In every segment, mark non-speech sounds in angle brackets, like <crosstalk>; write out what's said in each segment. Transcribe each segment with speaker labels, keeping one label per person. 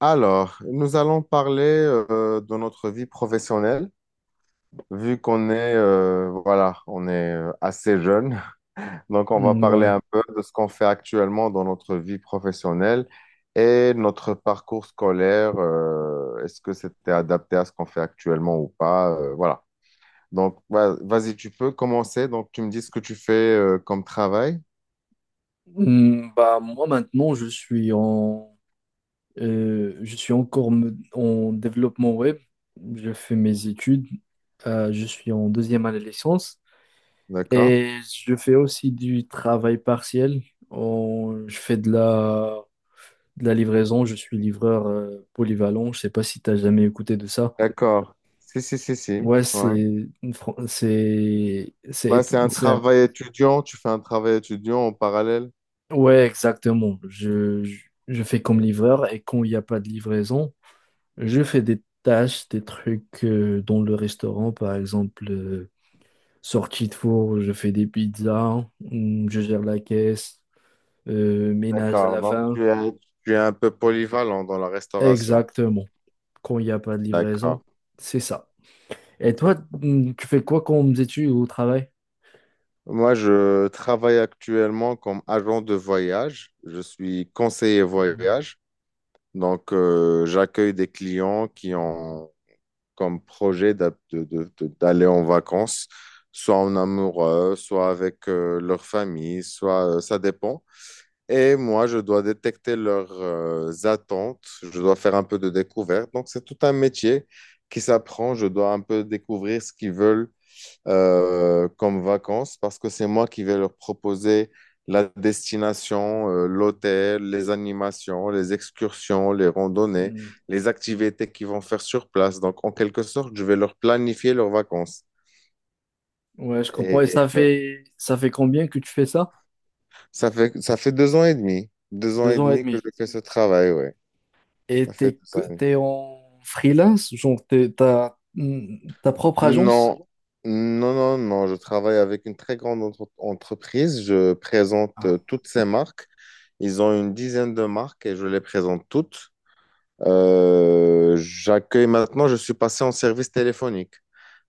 Speaker 1: Alors, nous allons parler de notre vie professionnelle, vu qu'on est, voilà, on est assez jeune. <laughs> Donc, on va
Speaker 2: Mm,
Speaker 1: parler
Speaker 2: ouais.
Speaker 1: un peu de ce qu'on fait actuellement dans notre vie professionnelle et notre parcours scolaire. Est-ce que c'était adapté à ce qu'on fait actuellement ou pas? Voilà. Donc, vas-y, tu peux commencer. Donc, tu me dis ce que tu fais comme travail.
Speaker 2: Bah, moi maintenant, je suis encore en développement web. Je fais mes études. Je suis en deuxième année de licence
Speaker 1: D'accord?
Speaker 2: et je fais aussi du travail partiel. Je fais de la livraison. Je suis livreur polyvalent. Je sais pas si tu as jamais écouté de ça.
Speaker 1: D'accord. Si, si, si, si.
Speaker 2: Ouais,
Speaker 1: Ouais.
Speaker 2: c'est, une fran-
Speaker 1: Bah, c'est un
Speaker 2: c'est un-
Speaker 1: travail étudiant, tu fais un travail étudiant en parallèle.
Speaker 2: ouais, exactement. Je fais comme livreur et quand il n'y a pas de livraison, je fais des tâches, des trucs, dans le restaurant, par exemple, sortie de four, je fais des pizzas, je gère la caisse, ménage à
Speaker 1: D'accord,
Speaker 2: la
Speaker 1: donc
Speaker 2: fin.
Speaker 1: tu es, tu es un peu polyvalent dans la restauration.
Speaker 2: Exactement. Quand il n'y a pas de livraison,
Speaker 1: D'accord.
Speaker 2: c'est ça. Et toi, tu fais quoi comme études au travail?
Speaker 1: Moi, je travaille actuellement comme agent de voyage. Je suis conseiller voyage. Donc, j'accueille des clients qui ont comme projet d'aller en vacances, soit en amoureux, soit avec leur famille, soit ça dépend. Et moi, je dois détecter leurs attentes, je dois faire un peu de découverte. Donc, c'est tout un métier qui s'apprend. Je dois un peu découvrir ce qu'ils veulent comme vacances, parce que c'est moi qui vais leur proposer la destination, l'hôtel, les animations, les excursions, les randonnées,
Speaker 2: Hmm.
Speaker 1: les activités qu'ils vont faire sur place. Donc, en quelque sorte, je vais leur planifier leurs vacances.
Speaker 2: Ouais, je comprends.
Speaker 1: Et
Speaker 2: Et ça fait combien que tu fais ça?
Speaker 1: ça fait deux ans et demi, deux ans
Speaker 2: Deux
Speaker 1: et
Speaker 2: ans et
Speaker 1: demi que
Speaker 2: demi.
Speaker 1: je fais ce travail, ouais.
Speaker 2: Et
Speaker 1: Ça fait deux ans.
Speaker 2: t'es en freelance, genre t'as ta propre agence?
Speaker 1: Non, non, non, non. Je travaille avec une très grande entreprise. Je présente
Speaker 2: Ah.
Speaker 1: toutes ces marques. Ils ont une dizaine de marques et je les présente toutes. J'accueille maintenant, je suis passé en service téléphonique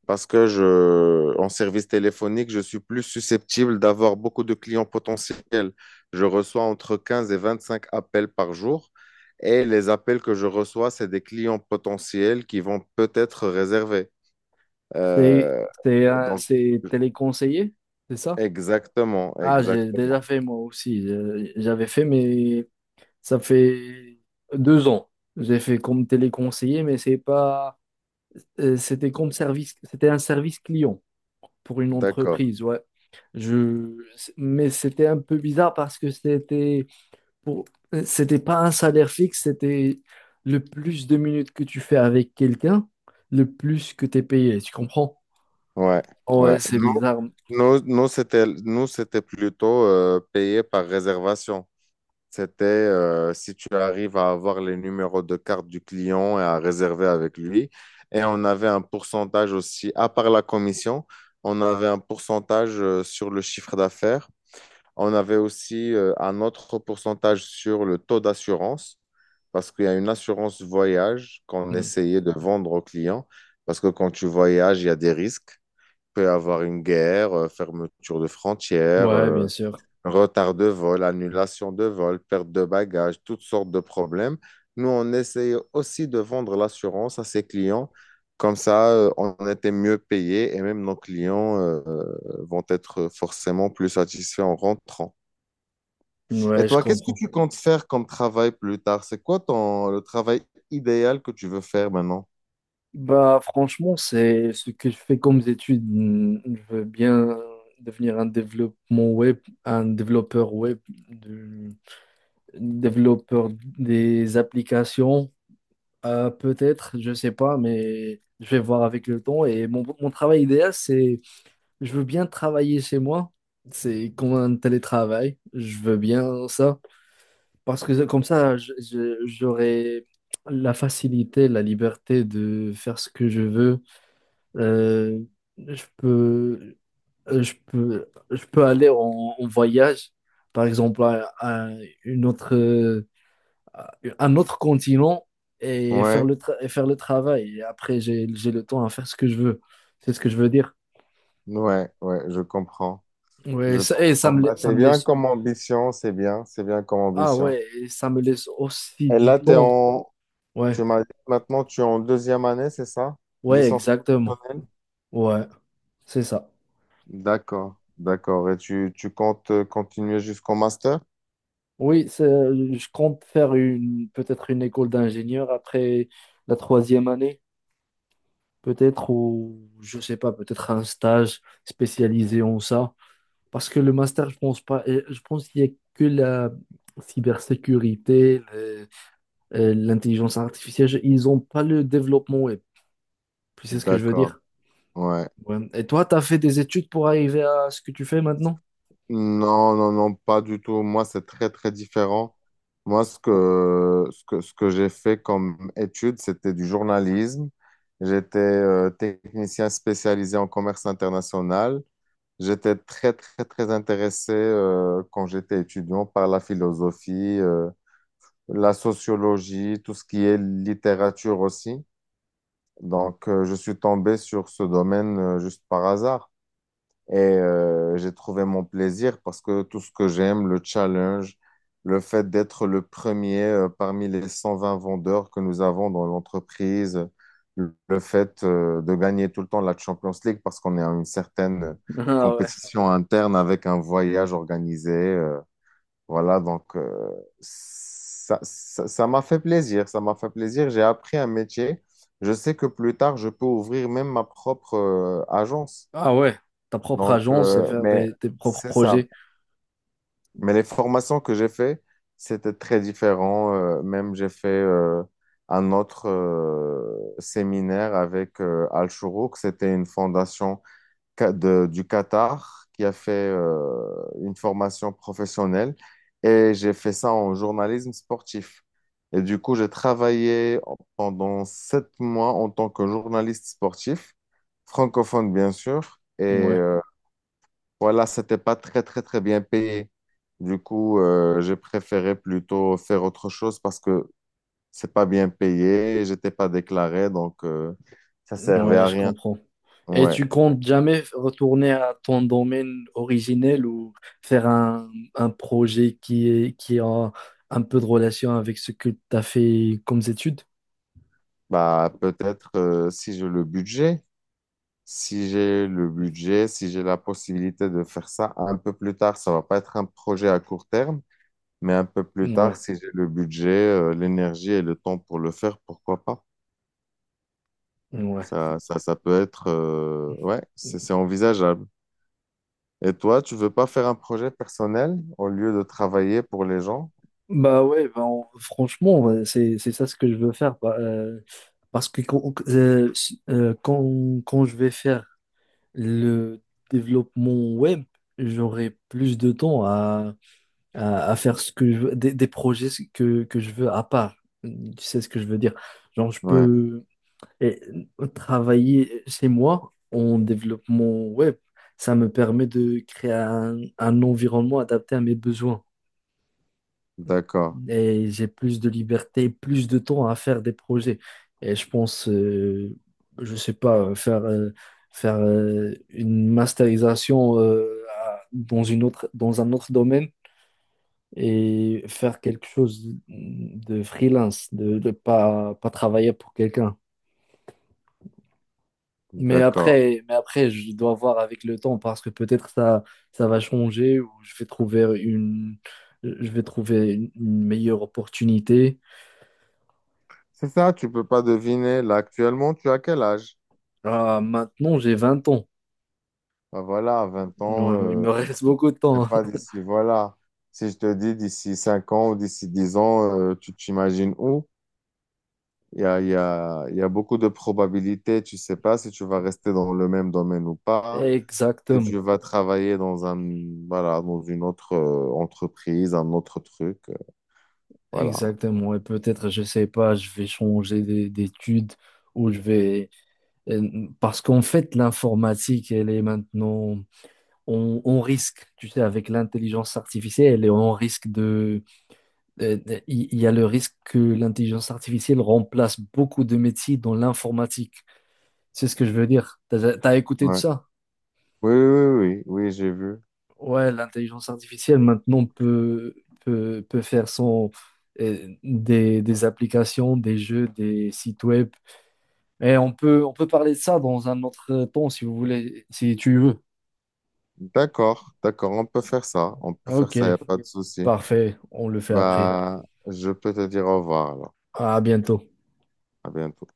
Speaker 1: parce que je, en service téléphonique, je suis plus susceptible d'avoir beaucoup de clients potentiels. Je reçois entre 15 et 25 appels par jour. Et les appels que je reçois, c'est des clients potentiels qui vont peut-être réserver.
Speaker 2: C'est
Speaker 1: Euh,
Speaker 2: c'est, euh,
Speaker 1: donc,
Speaker 2: c'est téléconseiller, c'est ça?
Speaker 1: exactement,
Speaker 2: Ah, j'ai
Speaker 1: exactement.
Speaker 2: déjà fait moi aussi. J'avais fait, mais ça fait 2 ans. J'ai fait comme téléconseiller, mais c'est pas. C'était comme service. C'était un service client pour une
Speaker 1: D'accord.
Speaker 2: entreprise, ouais. Je... Mais c'était un peu bizarre parce que pour... c'était pas un salaire fixe, c'était le plus de minutes que tu fais avec quelqu'un, le plus que tu es payé, tu comprends?
Speaker 1: Ouais,
Speaker 2: Ouais,
Speaker 1: ouais.
Speaker 2: c'est
Speaker 1: Nous,
Speaker 2: bizarre.
Speaker 1: nous, nous, c'était, nous, c'était plutôt payé par réservation. C'était si tu arrives à avoir les numéros de carte du client et à réserver avec lui. Et on avait un pourcentage aussi, à part la commission, on avait un pourcentage sur le chiffre d'affaires. On avait aussi un autre pourcentage sur le taux d'assurance, parce qu'il y a une assurance voyage qu'on essayait de vendre aux clients, parce que quand tu voyages, il y a des risques. Il peut y avoir une guerre, fermeture de frontières,
Speaker 2: Ouais, bien sûr.
Speaker 1: retard de vol, annulation de vol, perte de bagages, toutes sortes de problèmes. Nous, on essayait aussi de vendre l'assurance à ses clients. Comme ça, on était mieux payés et même nos clients vont être forcément plus satisfaits en rentrant. Et
Speaker 2: Ouais, je
Speaker 1: toi, qu'est-ce que
Speaker 2: comprends.
Speaker 1: tu comptes faire comme travail plus tard? C'est quoi ton, le travail idéal que tu veux faire maintenant?
Speaker 2: Bah, franchement, c'est ce que je fais comme étude. Je veux bien devenir un développement web, un développeur web, de- développeur des applications. Peut-être, je sais pas, mais je vais voir avec le temps. Et mon travail idéal, c'est, je veux bien travailler chez moi. C'est comme un télétravail. Je veux bien ça. Parce que comme ça, j'aurai la facilité, la liberté de faire ce que je veux. Euh, je peux, je peux aller en voyage, par exemple, une autre, euh, à un autre continent et
Speaker 1: Ouais,
Speaker 2: et faire le travail. Et après, j'ai le temps à faire ce que je veux. C'est ce que je veux dire.
Speaker 1: ouais, ouais, je comprends.
Speaker 2: Ouais,
Speaker 1: Je
Speaker 2: ça, et
Speaker 1: comprends. Bah,
Speaker 2: ça
Speaker 1: c'est
Speaker 2: me
Speaker 1: bien
Speaker 2: laisse.
Speaker 1: comme ambition, c'est bien comme
Speaker 2: Ah
Speaker 1: ambition.
Speaker 2: ouais, et ça me laisse aussi
Speaker 1: Et
Speaker 2: du
Speaker 1: là, t'es
Speaker 2: temps.
Speaker 1: en,
Speaker 2: Ouais,
Speaker 1: tu m'as dit que maintenant, tu es en deuxième année, c'est ça?
Speaker 2: ouais,
Speaker 1: Licence
Speaker 2: exactement.
Speaker 1: professionnelle?
Speaker 2: Ouais, c'est ça.
Speaker 1: D'accord, d'accord. Et tu comptes continuer jusqu'au master?
Speaker 2: Oui, je compte faire une peut-être une école d'ingénieur après la troisième année, peut-être, ou je sais pas, peut-être un stage spécialisé en ça. Parce que le master, je pense pas, et je pense qu'il y a que la cybersécurité, l'intelligence artificielle, ils ont pas le développement web. Tu sais ce que je veux
Speaker 1: D'accord,
Speaker 2: dire?
Speaker 1: ouais.
Speaker 2: Ouais. Et toi, tu as fait des études pour arriver à ce que tu fais maintenant?
Speaker 1: Non, non, non, pas du tout. Moi, c'est très, très différent. Moi, ce que j'ai fait comme étude, c'était du journalisme. J'étais technicien spécialisé en commerce international. J'étais très, très, très intéressé quand j'étais étudiant par la philosophie, la sociologie, tout ce qui est littérature aussi. Donc, je suis tombé sur ce domaine juste par hasard. Et j'ai trouvé mon plaisir parce que tout ce que j'aime, le challenge, le fait d'être le premier parmi les 120 vendeurs que nous avons dans l'entreprise, le fait de gagner tout le temps la Champions League parce qu'on est à une certaine
Speaker 2: Ah ouais.
Speaker 1: compétition interne avec un voyage organisé. Voilà, donc ça m'a fait plaisir, ça m'a fait plaisir. J'ai appris un métier. Je sais que plus tard, je peux ouvrir même ma propre agence.
Speaker 2: Ah ouais. Ta propre
Speaker 1: Donc,
Speaker 2: agence et faire
Speaker 1: mais
Speaker 2: tes propres
Speaker 1: c'est ça.
Speaker 2: projets.
Speaker 1: Mais les formations que j'ai fait, c'était très différent. Même j'ai fait un autre séminaire avec Al Shourouk. C'était une fondation du Qatar qui a fait une formation professionnelle. Et j'ai fait ça en journalisme sportif. Et du coup, j'ai travaillé pendant 7 mois en tant que journaliste sportif, francophone bien sûr. Et
Speaker 2: Ouais.
Speaker 1: voilà, c'était pas très, très, très bien payé. Du coup, j'ai préféré plutôt faire autre chose parce que c'est pas bien payé, j'étais pas déclaré, donc ça servait
Speaker 2: Ouais,
Speaker 1: à
Speaker 2: je
Speaker 1: rien.
Speaker 2: comprends. Et
Speaker 1: Ouais,
Speaker 2: tu comptes jamais retourner à ton domaine originel ou faire un projet qui est, qui a un peu de relation avec ce que tu as fait comme études?
Speaker 1: bah peut-être si j'ai le budget, si j'ai le budget, si j'ai la possibilité de faire ça un peu plus tard, ça va pas être un projet à court terme, mais un peu plus tard,
Speaker 2: Ouais,
Speaker 1: si j'ai le budget, l'énergie et le temps pour le faire, pourquoi pas?
Speaker 2: ouais.
Speaker 1: Ça peut être, ouais, c'est envisageable. Et toi, tu veux pas faire un projet personnel au lieu de travailler pour les gens?
Speaker 2: Bah ouais, franchement, ouais, c'est ça ce que je veux faire. Bah, parce que quand je vais faire le développement web, j'aurai plus de temps à faire ce que je veux, des projets que je veux à part. Tu sais ce que je veux dire. Genre, je
Speaker 1: Ouais,
Speaker 2: peux euh, travailler chez moi en développement web. Ça me permet de créer un environnement adapté à mes besoins
Speaker 1: d'accord,
Speaker 2: et j'ai plus de liberté, plus de temps à faire des projets. Et je pense, je sais pas, faire une masterisation dans dans un autre domaine et faire quelque chose de freelance, de pas travailler pour quelqu'un. Mais
Speaker 1: d'accord.
Speaker 2: après, mais après, je dois voir avec le temps parce que peut-être ça, ça va changer ou je vais trouver une meilleure opportunité.
Speaker 1: C'est ça, tu peux pas deviner. Là, actuellement, tu as quel âge?
Speaker 2: Ah, maintenant, j'ai 20 ans.
Speaker 1: Ben voilà, à 20 ans,
Speaker 2: Ouais, ouais, il me <laughs> reste beaucoup de
Speaker 1: et
Speaker 2: temps.
Speaker 1: pas d'ici, voilà. Si je te dis d'ici 5 ans ou d'ici 10 ans, tu t'imagines où? Il y a beaucoup de probabilités. Tu sais pas si tu vas rester dans le même domaine ou
Speaker 2: <laughs>
Speaker 1: pas, si
Speaker 2: Exactement.
Speaker 1: tu vas travailler dans un, voilà, dans une autre entreprise, un autre truc. Voilà.
Speaker 2: Exactement. Et peut-être, je sais pas, je vais changer d'études. ou je vais... Parce qu'en fait, l'informatique, elle est maintenant. On risque, tu sais, avec l'intelligence artificielle. Et on risque de- Il y a le risque que l'intelligence artificielle remplace beaucoup de métiers dans l'informatique. C'est ce que je veux dire. T'as, t'as écouté de
Speaker 1: Ouais.
Speaker 2: ça?
Speaker 1: Oui, oui, oui, oui, oui, j'ai vu.
Speaker 2: Ouais, l'intelligence artificielle maintenant peut faire des applications, des jeux, des sites web. Et on peut parler de ça dans un autre temps si vous voulez, si tu veux.
Speaker 1: D'accord, d'accord, on peut faire ça. On peut faire
Speaker 2: Ok,
Speaker 1: ça, il n'y a pas de souci.
Speaker 2: parfait, on le fait après.
Speaker 1: Bah, je peux te dire au revoir alors.
Speaker 2: À bientôt.
Speaker 1: À bientôt.